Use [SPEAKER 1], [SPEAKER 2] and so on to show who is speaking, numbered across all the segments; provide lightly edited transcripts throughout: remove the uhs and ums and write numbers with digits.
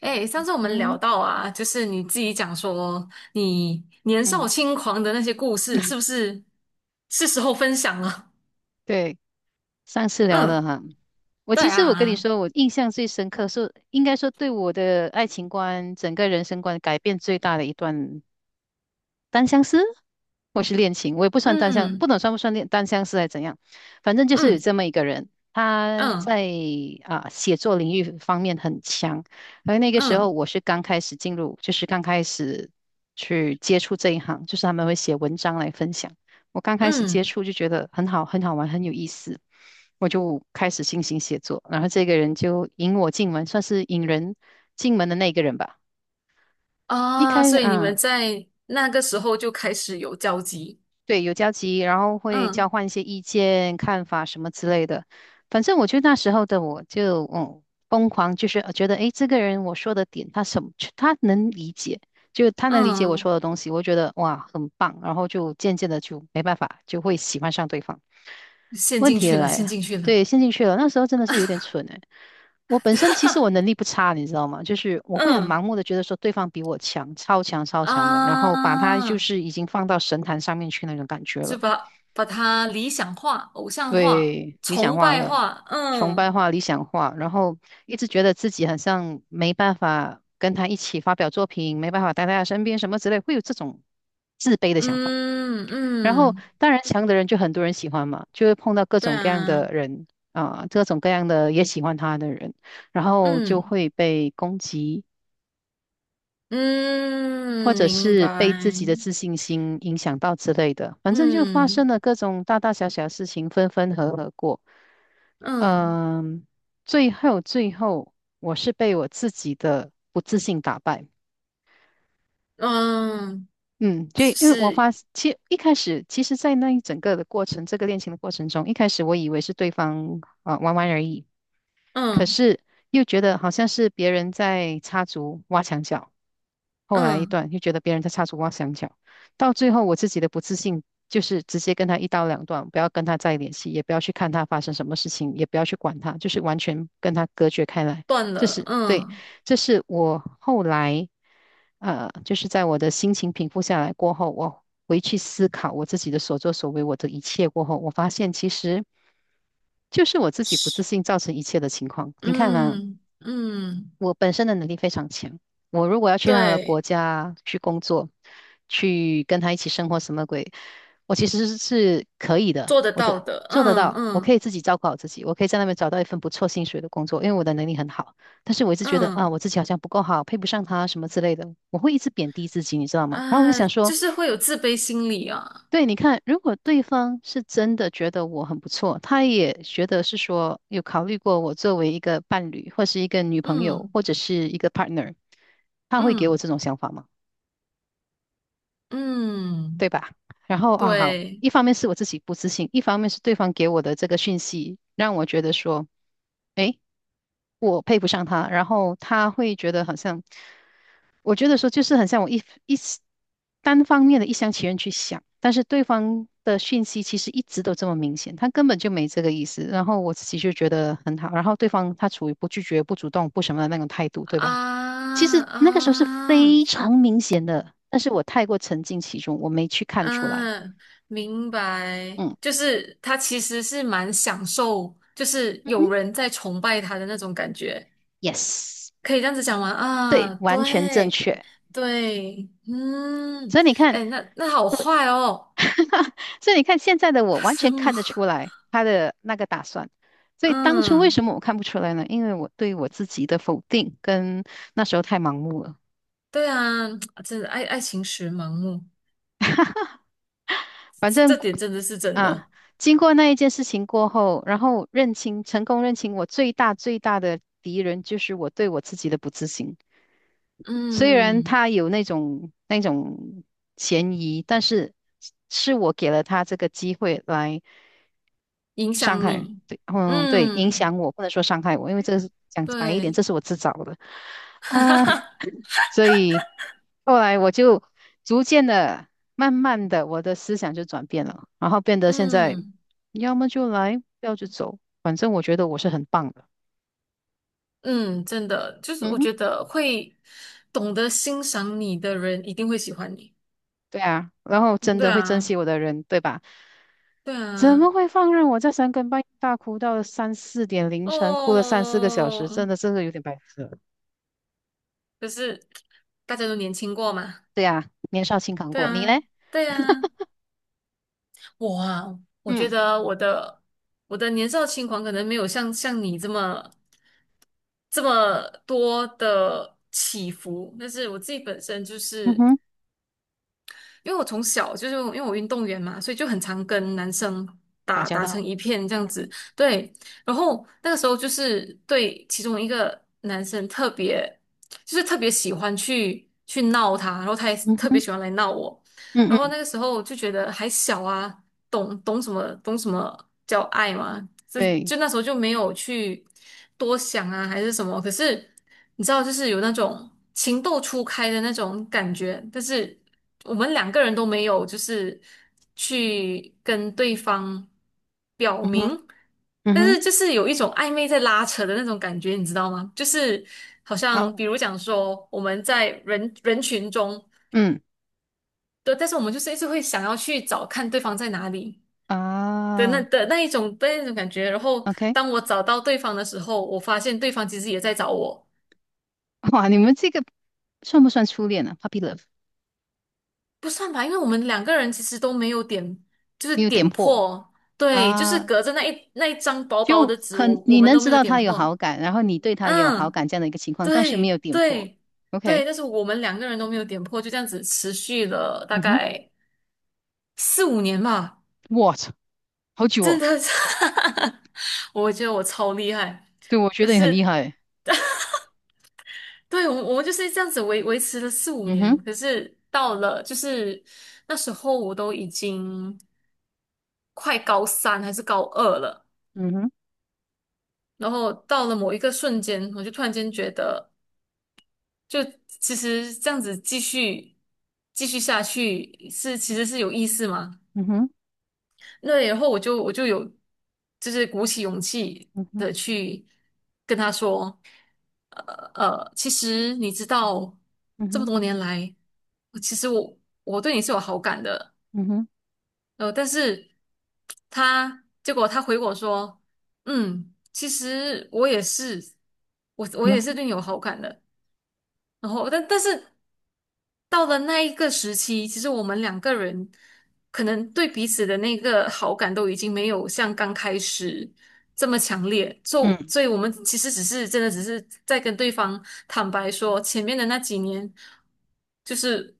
[SPEAKER 1] 哎，上次我们聊
[SPEAKER 2] 嗯
[SPEAKER 1] 到啊，就是你自己讲说你年少
[SPEAKER 2] 嗯，
[SPEAKER 1] 轻狂的那些故事，是 不是是时候分享了？
[SPEAKER 2] 对，上次聊
[SPEAKER 1] 嗯，
[SPEAKER 2] 的哈，我
[SPEAKER 1] 对
[SPEAKER 2] 其实我跟你
[SPEAKER 1] 啊，
[SPEAKER 2] 说，我印象最深刻是，应该说对我的爱情观、整个人生观改变最大的一段单相思，或是恋情，我也不算单相，不
[SPEAKER 1] 嗯
[SPEAKER 2] 能算不算恋单相思还是怎样，反正就是有
[SPEAKER 1] 嗯
[SPEAKER 2] 这么一个人，他
[SPEAKER 1] 嗯
[SPEAKER 2] 在写作领域方面很强，而那个时候
[SPEAKER 1] 嗯
[SPEAKER 2] 我是刚开始进入，就是刚开始去接触这一行，就是他们会写文章来分享，我刚开始接
[SPEAKER 1] 嗯
[SPEAKER 2] 触就觉得很好，很好玩，很有意思。我就开始进行写作，然后这个人就引我进门，算是引人进门的那个人吧。一
[SPEAKER 1] 啊，
[SPEAKER 2] 开
[SPEAKER 1] 所以你们
[SPEAKER 2] 啊，
[SPEAKER 1] 在那个时候就开始有交集，
[SPEAKER 2] 对，有交集，然后会交
[SPEAKER 1] 嗯
[SPEAKER 2] 换一些意见、看法什么之类的。反正我得那时候的我就疯狂，就是觉得诶，这个人我说的点他什么他能理解，就他能理解我
[SPEAKER 1] 嗯，
[SPEAKER 2] 说的东西，我觉得哇很棒，然后就渐渐的就没办法，就会喜欢上对方。
[SPEAKER 1] 陷
[SPEAKER 2] 问
[SPEAKER 1] 进
[SPEAKER 2] 题也
[SPEAKER 1] 去了，
[SPEAKER 2] 来
[SPEAKER 1] 陷
[SPEAKER 2] 了，
[SPEAKER 1] 进去了，
[SPEAKER 2] 对，陷进去了。那时候真的是有点蠢诶，我本身其实我能力不差，你知道吗？就是我会很盲
[SPEAKER 1] 嗯
[SPEAKER 2] 目的觉得说对方比我强，超强超强的，然后把他就
[SPEAKER 1] 啊，
[SPEAKER 2] 是已经放到神坛上面去那种感觉
[SPEAKER 1] 就
[SPEAKER 2] 了。
[SPEAKER 1] 把它理想化、偶像化、
[SPEAKER 2] 对，理想
[SPEAKER 1] 崇
[SPEAKER 2] 化
[SPEAKER 1] 拜
[SPEAKER 2] 了，
[SPEAKER 1] 化，
[SPEAKER 2] 崇拜
[SPEAKER 1] 嗯。
[SPEAKER 2] 化、理想化，然后一直觉得自己好像没办法跟他一起发表作品，没办法待在他身边什么之类，会有这种自卑的想法。
[SPEAKER 1] 嗯
[SPEAKER 2] 然后
[SPEAKER 1] 嗯，
[SPEAKER 2] 当然强的人就很多人喜欢嘛，就会碰到各
[SPEAKER 1] 对
[SPEAKER 2] 种各样
[SPEAKER 1] 啊，
[SPEAKER 2] 的人啊，各种各样的也喜欢他的人。然后就
[SPEAKER 1] 嗯
[SPEAKER 2] 会被攻击，或
[SPEAKER 1] 嗯，
[SPEAKER 2] 者
[SPEAKER 1] 明
[SPEAKER 2] 是
[SPEAKER 1] 白，
[SPEAKER 2] 被自己的自信心影响到之类的，反正就发生
[SPEAKER 1] 嗯
[SPEAKER 2] 了各种大大小小的事情，分分合合过。
[SPEAKER 1] 嗯
[SPEAKER 2] 嗯，最后最后，我是被我自己的不自信打败。
[SPEAKER 1] 嗯，
[SPEAKER 2] 嗯，就因为
[SPEAKER 1] 是，
[SPEAKER 2] 其实一开始，其实，在那一整个的过程，这个恋情的过程中，一开始我以为是对方啊、玩玩而已，可
[SPEAKER 1] 嗯
[SPEAKER 2] 是又觉得好像是别人在插足挖墙脚。后来一
[SPEAKER 1] 嗯，
[SPEAKER 2] 段又觉得别人在插足挖墙脚，到最后我自己的不自信就是直接跟他一刀两断，不要跟他再联系，也不要去看他发生什么事情，也不要去管他，就是完全跟他隔绝开来。
[SPEAKER 1] 断
[SPEAKER 2] 这
[SPEAKER 1] 了，
[SPEAKER 2] 是对，
[SPEAKER 1] 嗯
[SPEAKER 2] 这是我后来就是在我的心情平复下来过后，我回去思考我自己的所作所为，我的一切过后，我发现其实就是我自己不自
[SPEAKER 1] 是，
[SPEAKER 2] 信造成一切的情况。你看啊，
[SPEAKER 1] 嗯嗯，
[SPEAKER 2] 我本身的能力非常强，我如果要去他的国
[SPEAKER 1] 对，
[SPEAKER 2] 家去工作，去跟他一起生活什么鬼，我其实是可以的，
[SPEAKER 1] 做得
[SPEAKER 2] 我
[SPEAKER 1] 到
[SPEAKER 2] 的
[SPEAKER 1] 的，
[SPEAKER 2] 做得
[SPEAKER 1] 嗯
[SPEAKER 2] 到，我可
[SPEAKER 1] 嗯
[SPEAKER 2] 以自己照顾好自己，我可以在那边找到一份不错薪水的工作，因为我的能力很好。但是我一直觉得啊，
[SPEAKER 1] 嗯，
[SPEAKER 2] 我自己好像不够好，配不上他什么之类的，我会一直贬低自己，你知道吗？然后我就
[SPEAKER 1] 啊，
[SPEAKER 2] 想说。
[SPEAKER 1] 就是会有自卑心理啊，
[SPEAKER 2] 对，你看，如果对方是真的觉得我很不错，他也觉得是说有考虑过我作为一个伴侣，或是一个女朋友，
[SPEAKER 1] 嗯
[SPEAKER 2] 或者是一个 partner，他会给我
[SPEAKER 1] 嗯
[SPEAKER 2] 这种想法吗？
[SPEAKER 1] 嗯，
[SPEAKER 2] 对吧？然后啊，好，
[SPEAKER 1] 对
[SPEAKER 2] 一方面是我自己不自信，一方面是对方给我的这个讯息让我觉得说，诶，我配不上他，然后他会觉得好像。我觉得说就是很像我单方面的一厢情愿去想，但是对方的讯息其实一直都这么明显，他根本就没这个意思。然后我自己就觉得很好，然后对方他处于不拒绝、不主动、不什么的那种态度，对
[SPEAKER 1] 啊
[SPEAKER 2] 吧？其实那个时候是
[SPEAKER 1] 啊。
[SPEAKER 2] 非常明显的，但是我太过沉浸其中，我没去看出来。
[SPEAKER 1] 嗯，明白，
[SPEAKER 2] 嗯
[SPEAKER 1] 就是他其实是蛮享受，就是
[SPEAKER 2] 嗯哼
[SPEAKER 1] 有人在崇拜他的那种感觉，
[SPEAKER 2] ，yes，
[SPEAKER 1] 可以这样子讲吗？
[SPEAKER 2] 对，
[SPEAKER 1] 啊，
[SPEAKER 2] 完全正
[SPEAKER 1] 对，
[SPEAKER 2] 确。
[SPEAKER 1] 对，嗯，
[SPEAKER 2] 所以你看。
[SPEAKER 1] 哎，那好坏哦，
[SPEAKER 2] 所以你看现在的我 完
[SPEAKER 1] 什
[SPEAKER 2] 全
[SPEAKER 1] 么？
[SPEAKER 2] 看得出来他的那个打算。所以当初为
[SPEAKER 1] 嗯，
[SPEAKER 2] 什么我看不出来呢？因为我对我自己的否定跟那时候太盲目了。
[SPEAKER 1] 对啊，真的爱情时盲目，
[SPEAKER 2] 反正
[SPEAKER 1] 这点真的是真
[SPEAKER 2] 啊，
[SPEAKER 1] 的，
[SPEAKER 2] 经过那一件事情过后，然后认清，成功认清我最大最大的敌人就是我对我自己的不自信。虽然
[SPEAKER 1] 嗯，
[SPEAKER 2] 他有那种嫌疑，但是是我给了他这个机会来。
[SPEAKER 1] 影
[SPEAKER 2] 伤
[SPEAKER 1] 响
[SPEAKER 2] 害，
[SPEAKER 1] 你，
[SPEAKER 2] 对，嗯，对，影
[SPEAKER 1] 嗯，
[SPEAKER 2] 响我，不能说伤害我，因为这个是讲白一点，这
[SPEAKER 1] 对，
[SPEAKER 2] 是我自找的啊，所以后来我就逐渐的、慢慢的，我的思想就转变了，然后变得现在，
[SPEAKER 1] 嗯。
[SPEAKER 2] 要么就来，不要就走，反正我觉得我是很棒的，
[SPEAKER 1] 嗯，真的，就是
[SPEAKER 2] 嗯
[SPEAKER 1] 我
[SPEAKER 2] 哼，
[SPEAKER 1] 觉得会懂得欣赏你的人一定会喜欢你。
[SPEAKER 2] 对啊，然后真
[SPEAKER 1] 对
[SPEAKER 2] 的会珍
[SPEAKER 1] 啊，
[SPEAKER 2] 惜我的人，对吧？
[SPEAKER 1] 对
[SPEAKER 2] 怎
[SPEAKER 1] 啊，
[SPEAKER 2] 么会放任我在三更半夜大哭到三四点凌晨，哭了三四个小
[SPEAKER 1] 哦，
[SPEAKER 2] 时？真的，真的有点白痴了
[SPEAKER 1] 可是大家都年轻过嘛。
[SPEAKER 2] 对啊，年少轻狂
[SPEAKER 1] 对
[SPEAKER 2] 过，你
[SPEAKER 1] 啊，
[SPEAKER 2] 嘞？
[SPEAKER 1] 对啊，我啊，我觉
[SPEAKER 2] 嗯。
[SPEAKER 1] 得我的年少轻狂可能没有像你这么多的起伏，但是我自己本身就
[SPEAKER 2] 嗯
[SPEAKER 1] 是。
[SPEAKER 2] 哼，
[SPEAKER 1] 因为我从小就是因为我运动员嘛，所以就很常跟男生
[SPEAKER 2] 打
[SPEAKER 1] 打
[SPEAKER 2] 交
[SPEAKER 1] 打成
[SPEAKER 2] 道，
[SPEAKER 1] 一片这样
[SPEAKER 2] 嗯
[SPEAKER 1] 子。对，然后那个时候就是对其中一个男生特别，就是特别喜欢去闹他，然后他也
[SPEAKER 2] 嗯
[SPEAKER 1] 特别
[SPEAKER 2] 哼，
[SPEAKER 1] 喜欢来闹我。
[SPEAKER 2] 嗯
[SPEAKER 1] 然后
[SPEAKER 2] 嗯，
[SPEAKER 1] 那个时候就觉得还小啊，懂什么叫爱嘛，这
[SPEAKER 2] 对，
[SPEAKER 1] 就那时候就没有去多想啊，还是什么。可是你知道，就是有那种情窦初开的那种感觉，但是我们两个人都没有，就是去跟对方表
[SPEAKER 2] 嗯哼
[SPEAKER 1] 明，
[SPEAKER 2] 嗯
[SPEAKER 1] 但
[SPEAKER 2] 哼，
[SPEAKER 1] 是就是有一种暧昧在拉扯的那种感觉，你知道吗？就是好像
[SPEAKER 2] 好，
[SPEAKER 1] 比如讲说我们在人群中，
[SPEAKER 2] 嗯
[SPEAKER 1] 对，但是我们就是一直会想要去找看对方在哪里。对，
[SPEAKER 2] 啊
[SPEAKER 1] 那一种的那种感觉。然后
[SPEAKER 2] ，OK，
[SPEAKER 1] 当我找到对方的时候，我发现对方其实也在找我，
[SPEAKER 2] 哇，你们这个算不算初恋呢？Puppy love
[SPEAKER 1] 不算吧，因为我们两个人其实都没有点，就是
[SPEAKER 2] 没有点
[SPEAKER 1] 点
[SPEAKER 2] 破
[SPEAKER 1] 破，对，就是
[SPEAKER 2] 啊，
[SPEAKER 1] 隔着那一张薄薄
[SPEAKER 2] 就
[SPEAKER 1] 的纸，
[SPEAKER 2] 可
[SPEAKER 1] 我我
[SPEAKER 2] 你
[SPEAKER 1] 们
[SPEAKER 2] 能
[SPEAKER 1] 都
[SPEAKER 2] 知
[SPEAKER 1] 没有
[SPEAKER 2] 道
[SPEAKER 1] 点
[SPEAKER 2] 他有好
[SPEAKER 1] 破。
[SPEAKER 2] 感，然后你对他也有好
[SPEAKER 1] 嗯，
[SPEAKER 2] 感这样的一个情况，但是没
[SPEAKER 1] 对
[SPEAKER 2] 有点破
[SPEAKER 1] 对
[SPEAKER 2] ，OK，
[SPEAKER 1] 对，但是我们两个人都没有点破，就这样子持续了大
[SPEAKER 2] 嗯哼
[SPEAKER 1] 概四五年吧，
[SPEAKER 2] ，What，好久
[SPEAKER 1] 真
[SPEAKER 2] 哦，
[SPEAKER 1] 的是，我觉得我超厉害，
[SPEAKER 2] 对，我觉
[SPEAKER 1] 可
[SPEAKER 2] 得你很厉
[SPEAKER 1] 是。
[SPEAKER 2] 害，
[SPEAKER 1] 对，我们就是这样子维持了四五
[SPEAKER 2] 嗯
[SPEAKER 1] 年，
[SPEAKER 2] 哼，
[SPEAKER 1] 可是到了就是那时候我都已经快高三还是高二了，
[SPEAKER 2] 嗯哼，
[SPEAKER 1] 然后到了某一个瞬间，我就突然间觉得，就其实这样子继续下去是其实是有意思吗？
[SPEAKER 2] 嗯哼，
[SPEAKER 1] 对，然后我就有就是鼓起勇气
[SPEAKER 2] 嗯哼，
[SPEAKER 1] 的去跟他说，呃其实你知道
[SPEAKER 2] 嗯
[SPEAKER 1] 这么
[SPEAKER 2] 哼，
[SPEAKER 1] 多年来，其实我对你是有好感的，
[SPEAKER 2] 嗯哼，
[SPEAKER 1] 但是他结果他回我说，嗯，其实我也是，我
[SPEAKER 2] 然
[SPEAKER 1] 也是
[SPEAKER 2] 后
[SPEAKER 1] 对你有好感的，然后但是到了那一个时期，其实我们两个人可能对彼此的那个好感都已经没有像刚开始这么强烈，就
[SPEAKER 2] 嗯
[SPEAKER 1] 所以我们其实只是真的只是在跟对方坦白说，前面的那几年就是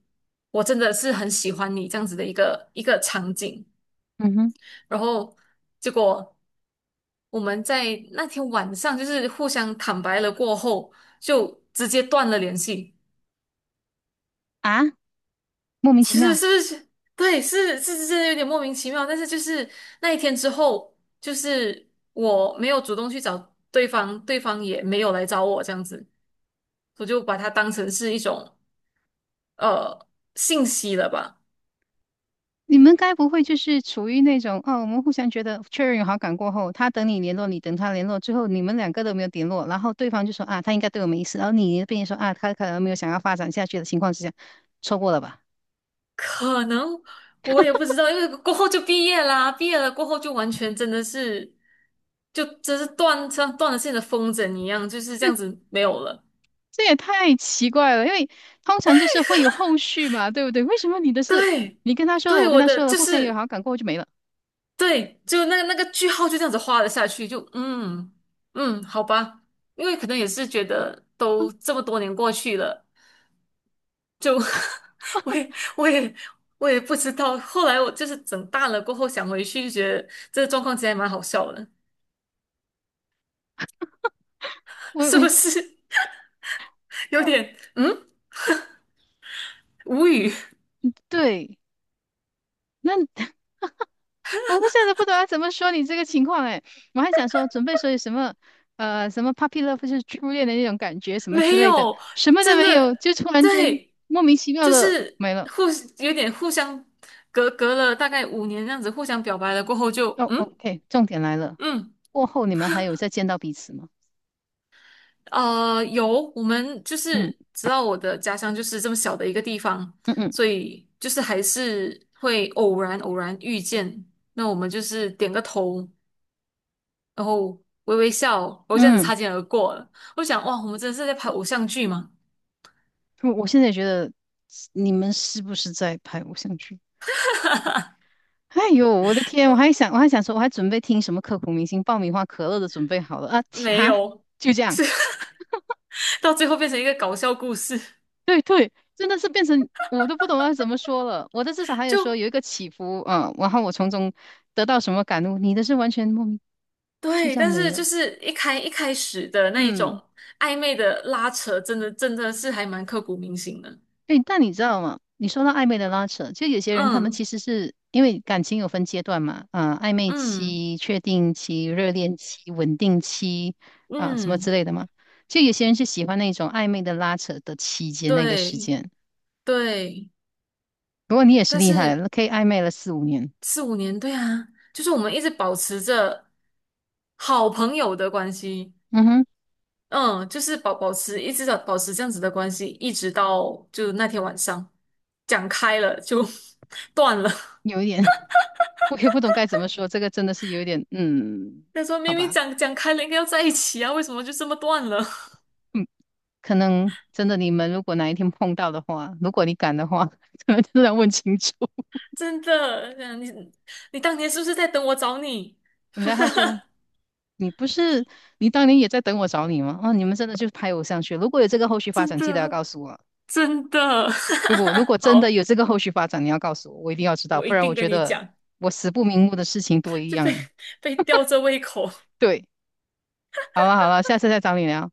[SPEAKER 1] 我真的是很喜欢你这样子的一个场景，
[SPEAKER 2] 嗯哼，
[SPEAKER 1] 然后结果。我们在那天晚上就是互相坦白了过后，就直接断了联系。
[SPEAKER 2] 啊，莫名其
[SPEAKER 1] 是
[SPEAKER 2] 妙。
[SPEAKER 1] 是是，对，是是是，真的有点莫名其妙。但是就是那一天之后，就是我没有主动去找对方，对方也没有来找我，这样子，我就把它当成是一种呃信息了吧。
[SPEAKER 2] 你们该不会就是处于那种哦，我们互相觉得确认有好感过后，他等你联络，你等他联络，之后你们两个都没有联络，然后对方就说啊，他应该对我没意思，然后你那边说啊，他可能没有想要发展下去的情况之下，错过了吧？
[SPEAKER 1] 可能我也不知道，因为过后就毕业啦，毕业了过后就完全真的是，就真是像断了线的风筝一样，就是这样子没有了。
[SPEAKER 2] 这也太奇怪了，因为通常就是会有后续嘛，对不对？为什么你的事
[SPEAKER 1] 对，
[SPEAKER 2] 你跟他说了，
[SPEAKER 1] 对，
[SPEAKER 2] 我跟
[SPEAKER 1] 我
[SPEAKER 2] 他
[SPEAKER 1] 的
[SPEAKER 2] 说了，
[SPEAKER 1] 就
[SPEAKER 2] 互相有
[SPEAKER 1] 是。
[SPEAKER 2] 好感过后就没了？
[SPEAKER 1] 对，就那个句号就这样子画了下去，就嗯嗯，好吧，因为可能也是觉得都这么多年过去了，就 我也我也我也不知道。后来我就是整大了过后想回去，就觉得这个状况其实还蛮好笑的，
[SPEAKER 2] 我
[SPEAKER 1] 是不
[SPEAKER 2] 我
[SPEAKER 1] 是有
[SPEAKER 2] 哦，
[SPEAKER 1] 点无语？
[SPEAKER 2] 对，那 我不晓得不懂要怎么说你这个情况哎，我还想说准备说有什么什么 puppy love 就是初恋的那种感觉什么之
[SPEAKER 1] 没
[SPEAKER 2] 类的，
[SPEAKER 1] 有，
[SPEAKER 2] 什么都
[SPEAKER 1] 真
[SPEAKER 2] 没
[SPEAKER 1] 的
[SPEAKER 2] 有，就突然间
[SPEAKER 1] 对，
[SPEAKER 2] 莫名其妙
[SPEAKER 1] 就
[SPEAKER 2] 的
[SPEAKER 1] 是
[SPEAKER 2] 没了。
[SPEAKER 1] 互有点互相隔了大概五年这样子互相表白了过后就
[SPEAKER 2] 哦
[SPEAKER 1] 嗯
[SPEAKER 2] ，OK，重点来了，
[SPEAKER 1] 嗯。
[SPEAKER 2] 过后你们还有再见到彼此吗？
[SPEAKER 1] 有，我们就
[SPEAKER 2] 嗯
[SPEAKER 1] 是知道我的家乡就是这么小的一个地方，
[SPEAKER 2] 嗯嗯
[SPEAKER 1] 所以就是还是会偶然遇见，那我们就是点个头，然后微微笑，然后这样子
[SPEAKER 2] 嗯，
[SPEAKER 1] 擦肩而过了。我想，哇，我们真的是在拍偶像剧吗？
[SPEAKER 2] 我我现在也觉得你们是不是在拍偶像剧？哎呦，我的天！我还想，我还想说，我还准备听什么刻骨铭心爆米花可乐都准备好了啊！切
[SPEAKER 1] 没
[SPEAKER 2] 哈，
[SPEAKER 1] 有，
[SPEAKER 2] 就这样。
[SPEAKER 1] 是 到最后变成一个搞笑故事，
[SPEAKER 2] 对对，真的是变成我都不懂要怎么说了。我的至少还有说
[SPEAKER 1] 就
[SPEAKER 2] 有一个起伏，嗯，然后我从中得到什么感悟，你的是完全莫名就
[SPEAKER 1] 对，
[SPEAKER 2] 这样
[SPEAKER 1] 但
[SPEAKER 2] 没
[SPEAKER 1] 是就
[SPEAKER 2] 了。
[SPEAKER 1] 是一开始的那一
[SPEAKER 2] 嗯，
[SPEAKER 1] 种暧昧的拉扯，真的真的是还蛮刻骨铭心的。
[SPEAKER 2] 对，但你知道吗？你说到暧昧的拉扯，就有些人他们
[SPEAKER 1] 嗯
[SPEAKER 2] 其实是因为感情有分阶段嘛，啊、暧昧
[SPEAKER 1] 嗯。
[SPEAKER 2] 期、确定期、热恋期、稳定期啊、什么
[SPEAKER 1] 嗯，
[SPEAKER 2] 之类的嘛。就有些人是喜欢那种暧昧的拉扯的期间那个时
[SPEAKER 1] 对
[SPEAKER 2] 间。
[SPEAKER 1] 对，
[SPEAKER 2] 不过你也是
[SPEAKER 1] 但
[SPEAKER 2] 厉害
[SPEAKER 1] 是
[SPEAKER 2] 了可以暧昧了四五年。
[SPEAKER 1] 四五年，对啊，就是我们一直保持着好朋友的关系，
[SPEAKER 2] 嗯哼，
[SPEAKER 1] 嗯，就是保持一直的保持这样子的关系，一直到就那天晚上讲开了就 断了。
[SPEAKER 2] 有一点。我也不懂该怎么说，这个真的是有一点，嗯，
[SPEAKER 1] 他说
[SPEAKER 2] 好
[SPEAKER 1] 明明
[SPEAKER 2] 吧，
[SPEAKER 1] 讲开了应该要在一起啊，为什么就这么断了？
[SPEAKER 2] 嗯，可能真的你们如果哪一天碰到的话，如果你敢的话，可能真的要问清楚。
[SPEAKER 1] 真的，这样你当年是不是在等我找你？
[SPEAKER 2] 然后他说："你不是你当年也在等我找你吗？哦，你们真的就是拍我上去。如果有这个后续发
[SPEAKER 1] 真
[SPEAKER 2] 展，记得要
[SPEAKER 1] 的
[SPEAKER 2] 告诉我。
[SPEAKER 1] 真的，
[SPEAKER 2] 如果如果 真的
[SPEAKER 1] 好，
[SPEAKER 2] 有这个后续发展，你要告诉我，我一定要知道，
[SPEAKER 1] 我
[SPEAKER 2] 不
[SPEAKER 1] 一
[SPEAKER 2] 然我
[SPEAKER 1] 定
[SPEAKER 2] 觉
[SPEAKER 1] 跟你
[SPEAKER 2] 得
[SPEAKER 1] 讲。
[SPEAKER 2] 我死不瞑目的事情多一
[SPEAKER 1] 就被
[SPEAKER 2] 样。
[SPEAKER 1] 被吊着胃口。
[SPEAKER 2] 对，好了好了，下次再找你聊。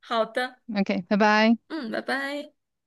[SPEAKER 1] 好的，
[SPEAKER 2] OK，拜拜。"
[SPEAKER 1] 嗯，拜拜。